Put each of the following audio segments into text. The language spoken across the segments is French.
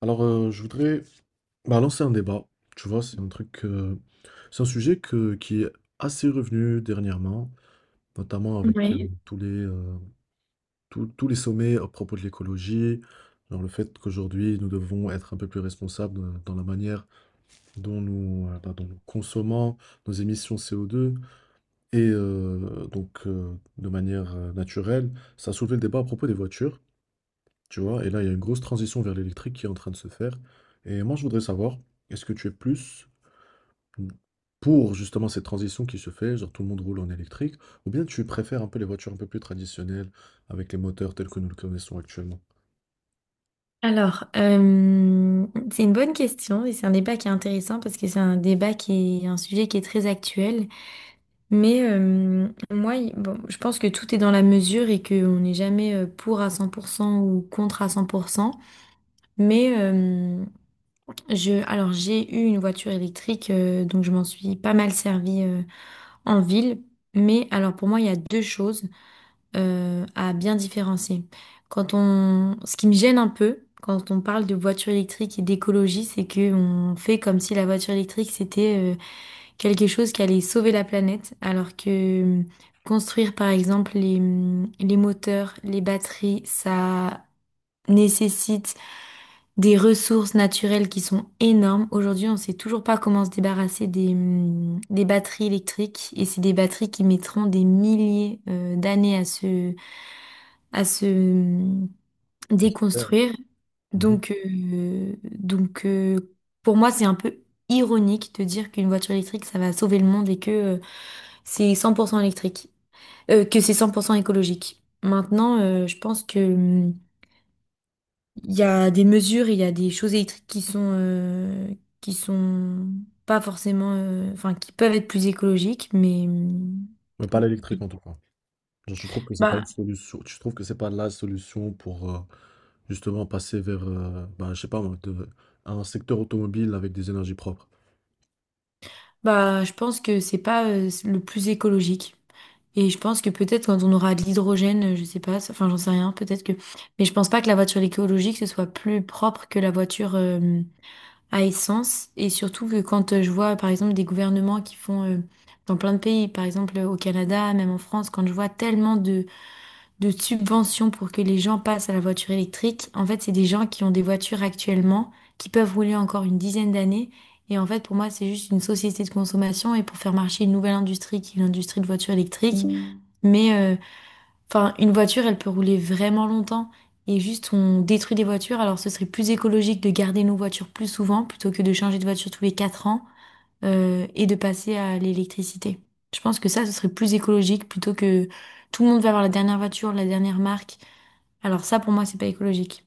Alors, je voudrais bah, lancer un débat. Tu vois, c'est un sujet qui est assez revenu dernièrement, notamment avec Oui. tous les, tous tous les sommets à propos de l'écologie, genre le fait qu'aujourd'hui nous devons être un peu plus responsables dans la manière dont nous consommons nos émissions CO2 et donc de manière naturelle. Ça a soulevé le débat à propos des voitures. Tu vois, et là, il y a une grosse transition vers l'électrique qui est en train de se faire. Et moi, je voudrais savoir, est-ce que tu es plus pour justement cette transition qui se fait, genre tout le monde roule en électrique, ou bien tu préfères un peu les voitures un peu plus traditionnelles avec les moteurs tels que nous le connaissons actuellement? Alors, euh, c'est une bonne question et c'est un débat qui est intéressant parce que c'est un débat qui est un sujet qui est très actuel. Moi, bon, je pense que tout est dans la mesure et qu'on n'est jamais pour à 100% ou contre à 100%. Mais euh, j'ai eu une voiture électrique, donc je m'en suis pas mal servie en ville. Mais alors, pour moi, il y a deux choses, à bien différencier. Ce qui me gêne un peu quand on parle de voiture électrique et d'écologie, c'est que on fait comme si la voiture électrique c'était quelque chose qui allait sauver la planète, alors que construire par exemple les moteurs, les batteries, ça nécessite des ressources naturelles qui sont énormes. Aujourd'hui, on ne sait toujours pas comment se débarrasser des batteries électriques et c'est des batteries qui mettront des milliers d'années à se à se euh, Ah, super. déconstruire. Mhm. Donc, euh, donc euh, pour moi, c'est un peu ironique de dire qu'une voiture électrique, ça va sauver le monde et que c'est 100% électrique, que c'est 100% écologique. Maintenant, je pense que il y a des mesures, il y a des choses électriques qui sont qui sont pas forcément, enfin, qui peuvent être plus écologiques, mais Mais pas l'électrique en tout cas. Genre, je trouve que c'est pas une bah, solution. Je trouve que c'est pas la solution pour justement passer vers, bah, je sais pas moi, un secteur automobile avec des énergies propres. Je pense que c'est pas le plus écologique. Et je pense que peut-être quand on aura de l'hydrogène, je sais pas, enfin j'en sais rien, peut-être que. Mais je pense pas que la voiture écologique ce soit plus propre que la voiture à essence. Et surtout que quand je vois par exemple des gouvernements qui font dans plein de pays, par exemple au Canada, même en France, quand je vois tellement de subventions pour que les gens passent à la voiture électrique. En fait, c'est des gens qui ont des voitures actuellement, qui peuvent rouler encore une dizaine d'années. Et en fait, pour moi, c'est juste une société de consommation et pour faire marcher une nouvelle industrie qui est l'industrie de voitures électriques. Mm. Mais euh, enfin, une voiture, elle peut rouler vraiment longtemps. Et juste, on détruit des voitures. Alors, ce serait plus écologique de garder nos voitures plus souvent plutôt que de changer de voiture tous les 4 ans et de passer à l'électricité. Je pense que ça, ce serait plus écologique plutôt que tout le monde va avoir la dernière voiture, la dernière marque. Alors ça, pour moi, c'est pas écologique.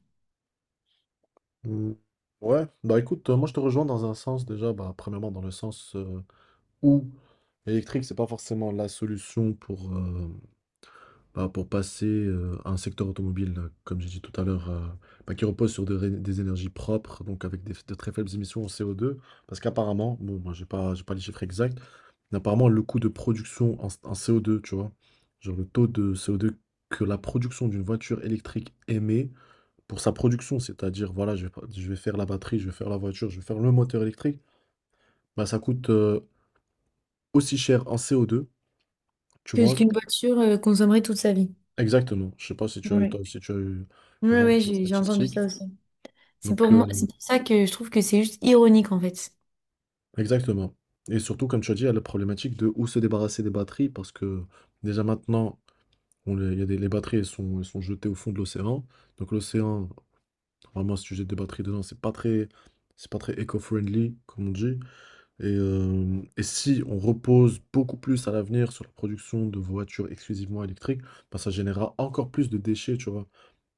Mm. Ouais, bah écoute, moi je te rejoins dans un sens déjà, bah, premièrement dans le sens où l'électrique, c'est pas forcément la solution pour, bah, pour passer à un secteur automobile, comme j'ai dit tout à l'heure, bah, qui repose sur des énergies propres, donc avec de très faibles émissions en CO2, parce qu'apparemment, bon, moi j'ai pas les chiffres exacts, mais apparemment le coût de production en CO2, tu vois, genre le taux de CO2 que la production d'une voiture électrique émet, pour sa production, c'est-à-dire voilà, je vais pas je vais faire la batterie, je vais faire la voiture, je vais faire le moteur électrique, bah, ça coûte, aussi cher en CO2, tu Que vois? ce OK. qu'une voiture consommerait toute sa vie. Exactement, je sais pas Oui, si tu as eu oui, le vent de oui, cette j'ai entendu statistique, ça aussi. C'est pour donc moi, c'est pour ça que je trouve que c'est juste ironique en fait. exactement et surtout comme tu as dit, il y a la problématique de où se débarrasser des batteries parce que déjà maintenant, on les il y a des les batteries, elles sont jetées au fond de l'océan, donc l'océan, normalement si tu jettes des batteries dedans, c'est pas très éco-friendly comme on dit. Et si on repose beaucoup plus à l'avenir sur la production de voitures exclusivement électriques, ben, ça générera encore plus de déchets, tu vois.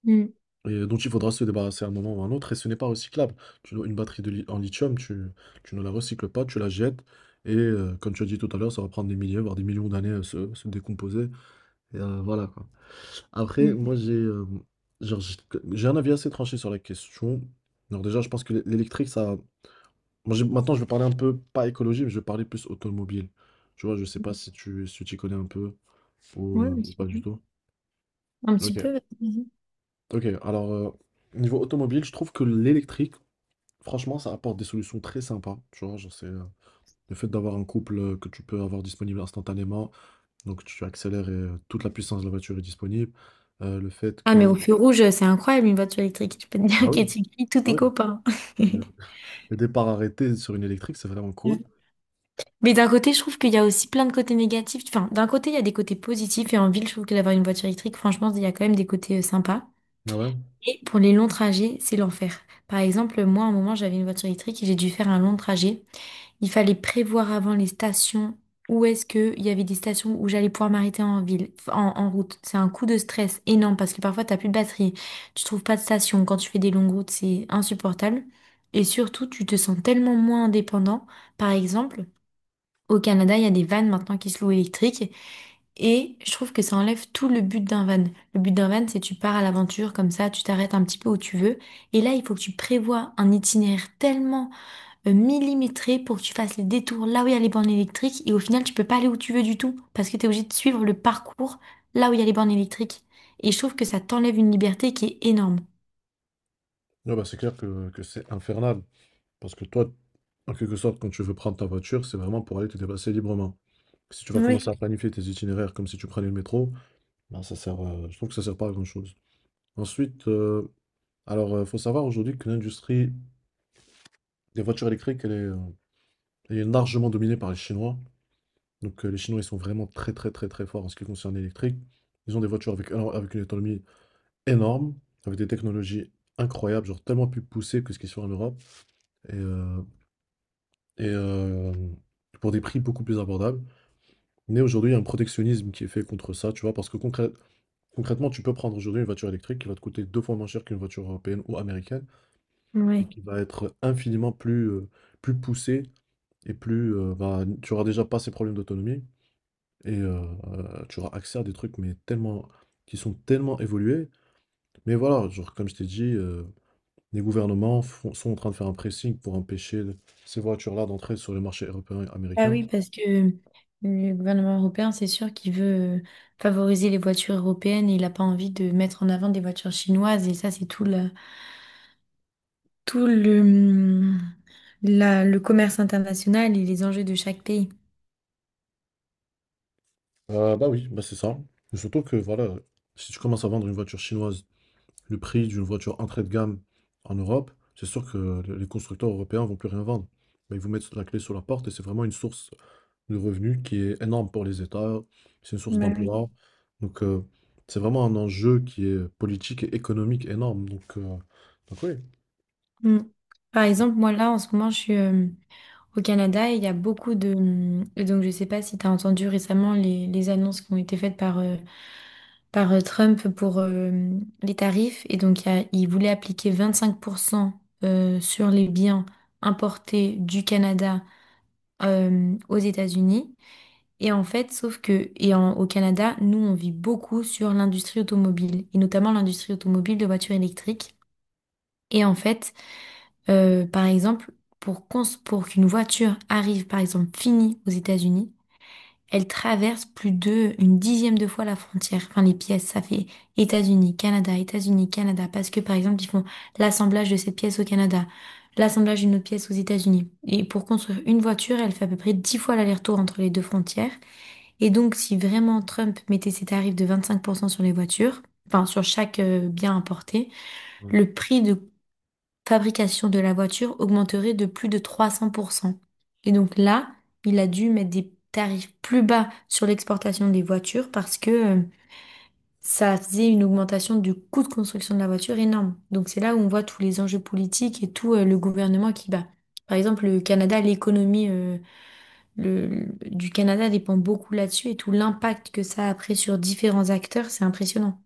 Mm, Et dont il faudra se débarrasser à un moment ou à un autre, et ce n'est pas recyclable. Une batterie en lithium, tu ne la recycles pas, tu la jettes, et comme tu as dit tout à l'heure, ça va prendre des milliers, voire des millions d'années à se décomposer. Et voilà, quoi. Après, mm. moi, j'ai genre, j'ai un avis assez tranché sur la question. Alors déjà, je pense que l'électrique, ça, moi, maintenant, je vais parler un peu, pas écologie, mais je vais parler plus automobile. Tu vois, je sais pas si tu y connais un peu ou Ouais, un petit pas du peu. tout. Un petit Ok. peu. Ok, alors, niveau automobile, je trouve que l'électrique, franchement, ça apporte des solutions très sympas. Tu vois, genre, c'est le fait d'avoir un couple que tu peux avoir disponible instantanément. Donc, tu accélères et toute la puissance de la voiture est disponible. Le fait Ah, que. mais au feu rouge, c'est incroyable une voiture électrique. Tu peux te dire Ah oui, qu'elle t'écrit tous ah tes oui. copains. Le le départ arrêté sur une électrique, c'est vraiment cool. Mais d'un côté, je trouve qu'il y a aussi plein de côtés négatifs. Enfin, d'un côté, il y a des côtés positifs et en ville, je trouve que d'avoir une voiture électrique, franchement, il y a quand même des côtés sympas. Ah ouais. Et pour les longs trajets, c'est l'enfer. Par exemple, moi, à un moment, j'avais une voiture électrique et j'ai dû faire un long trajet. Il fallait prévoir avant les stations où est-ce qu'il y avait des stations où j'allais pouvoir m'arrêter en ville, en route. C'est un coup de stress énorme parce que parfois, t'as plus de batterie, tu trouves pas de station. Quand tu fais des longues routes, c'est insupportable. Et surtout, tu te sens tellement moins indépendant. Par exemple, au Canada, il y a des vannes maintenant qui se louent électriques. Et je trouve que ça enlève tout le but d'un van. Le but d'un van, c'est tu pars à l'aventure comme ça, tu t'arrêtes un petit peu où tu veux. Et là, il faut que tu prévois un itinéraire tellement millimétré pour que tu fasses les détours là où il y a les bornes électriques. Et au final, tu peux pas aller où tu veux du tout parce que tu es obligé de suivre le parcours là où il y a les bornes électriques. Et je trouve que ça t'enlève une liberté qui est énorme. Ouais, bah, c'est clair que c'est infernal. Parce que toi, en quelque sorte, quand tu veux prendre ta voiture, c'est vraiment pour aller te déplacer librement. Si tu vas Oui, commencer à planifier tes itinéraires comme si tu prenais le métro, ben ça sert, je trouve que ça sert pas à grand-chose. Ensuite, alors, il faut savoir aujourd'hui que l'industrie des voitures électriques, elle est largement dominée par les Chinois. Donc, les Chinois, ils sont vraiment très, très, très, très forts en ce qui concerne l'électrique. Ils ont des voitures alors, avec une autonomie énorme, avec des technologies incroyables, genre tellement plus poussées que ce qu'ils font en Europe. Et, euh, et pour des prix beaucoup plus abordables. Mais aujourd'hui, il y a un protectionnisme qui est fait contre ça, tu vois, parce que concrètement, tu peux prendre aujourd'hui une voiture électrique qui va te coûter deux fois moins cher qu'une voiture européenne ou américaine, et oui. qui va être infiniment plus, plus poussée, et plus, bah, tu auras déjà pas ces problèmes d'autonomie, et tu auras accès à des trucs mais tellement, qui sont tellement évolués. Mais voilà, genre, comme je t'ai dit, les gouvernements sont en train de faire un pressing pour empêcher ces voitures-là d'entrer sur le marché européen et Bah américain. oui, parce que le gouvernement européen, c'est sûr qu'il veut favoriser les voitures européennes et il n'a pas envie de mettre en avant des voitures chinoises. Et ça, c'est tout, tout le, hum, le commerce international et les enjeux de chaque pays. Bah oui, bah c'est ça. Et surtout que voilà, si tu commences à vendre une voiture chinoise, le prix d'une voiture entrée de gamme en Europe, c'est sûr que les constructeurs européens vont plus rien vendre. Bah, ils vous mettent la clé sur la porte et c'est vraiment une source de revenus qui est énorme pour les États, c'est une source Ouais. d'emploi. Donc c'est vraiment un enjeu qui est politique et économique énorme. Donc oui. Mm. Par exemple, moi là, en ce moment, je suis au Canada et il y a beaucoup et donc, je sais pas si tu as entendu récemment les annonces qui ont été faites par Trump pour les tarifs. Et donc, il voulait appliquer 25% sur les biens importés du Canada aux États-Unis. Et en fait, sauf que, au Canada, nous, on vit beaucoup sur l'industrie automobile, et notamment l'industrie automobile de voitures électriques. Et en fait, par exemple, pour qu'une voiture arrive, par exemple, finie aux États-Unis, elle traverse plus de une dixième de fois la frontière. Enfin, les pièces, ça fait États-Unis, Canada, États-Unis, Canada. Parce que, par exemple, ils font l'assemblage de cette pièce au Canada, l'assemblage d'une autre pièce aux États-Unis. Et pour construire une voiture, elle fait à peu près 10 fois l'aller-retour entre les deux frontières. Et donc, si vraiment Trump mettait ses tarifs de 25% sur les voitures, enfin, sur chaque bien importé, Ouais. le prix de fabrication de la voiture augmenterait de plus de 300%. Et donc là, il a dû mettre des tarifs plus bas sur l'exportation des voitures parce que ça faisait une augmentation du coût de construction de la voiture énorme. Donc c'est là où on voit tous les enjeux politiques et tout le gouvernement qui bat. Par exemple, le Canada, l'économie du Canada dépend beaucoup là-dessus et tout l'impact que ça a après sur différents acteurs, c'est impressionnant.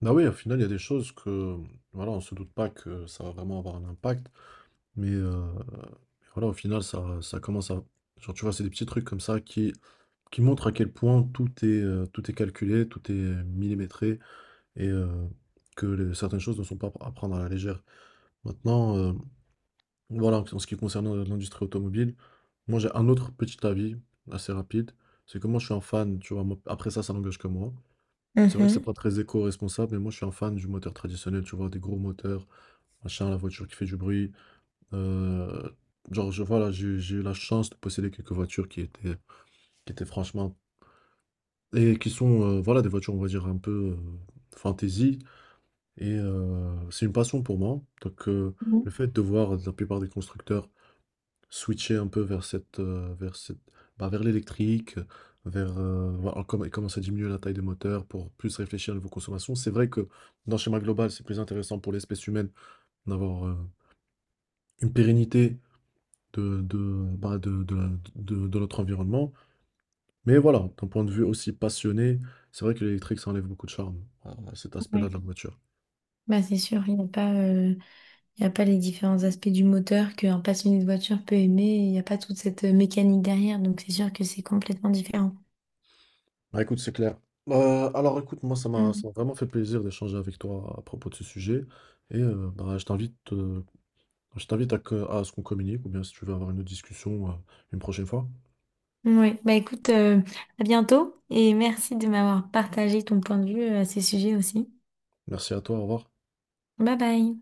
Bah oui, au final, il y a des choses que voilà, on se doute pas que ça va vraiment avoir un impact. Mais, heu, mais voilà, au final, ça commence à genre, tu vois, c'est des petits trucs comme ça qui montrent à quel point tout est calculé, tout est millimétré et que les certaines choses ne sont pas à prendre à la légère. Maintenant, voilà, en ce qui concerne, l'industrie automobile, moi, j'ai un autre petit avis assez rapide. C'est que moi, je suis un fan, tu vois? Moi, après ça, ça n'engage que moi. C'est vrai que c'est pas Mhm. très éco-responsable, mais moi, je suis un fan du moteur traditionnel, tu vois? Des gros moteurs, machin, la voiture qui fait du bruit, Heu, genre, je voilà, j'ai eu la chance de posséder quelques voitures qui étaient franchement et qui sont, voilà, des voitures, on va dire, un peu, fantaisie et c'est une passion pour moi. Donc le fait de voir la plupart des constructeurs switcher un peu vers cette bah, vers l'électrique, vers, voilà, comme commencer à diminuer la taille des moteurs pour plus réfléchir à niveau consommation. C'est vrai que, dans le schéma global, c'est plus intéressant pour l'espèce humaine d'avoir, une pérennité de, bah, de, la- de notre environnement. Mais voilà, d'un point de vue aussi passionné, c'est vrai que l'électrique, ça enlève beaucoup de charme à cet Ouais. aspect-là de la voiture. Bah, c'est sûr, Il n'y a pas les différents aspects du moteur qu'un passionné de voiture peut aimer. Il n'y a pas toute cette mécanique derrière. Donc, c'est sûr que c'est complètement différent. Bah écoute, c'est clair. Alors écoute, moi, ça m'a vraiment fait plaisir d'échanger avec toi à propos de ce sujet. Et bah, je t'invite à ce qu'on communique, ou bien si tu veux avoir une autre discussion une prochaine fois. Oui, bah écoute, à bientôt et merci de m'avoir partagé ton point de vue à ces sujets aussi. Merci à toi, au revoir. Bye bye.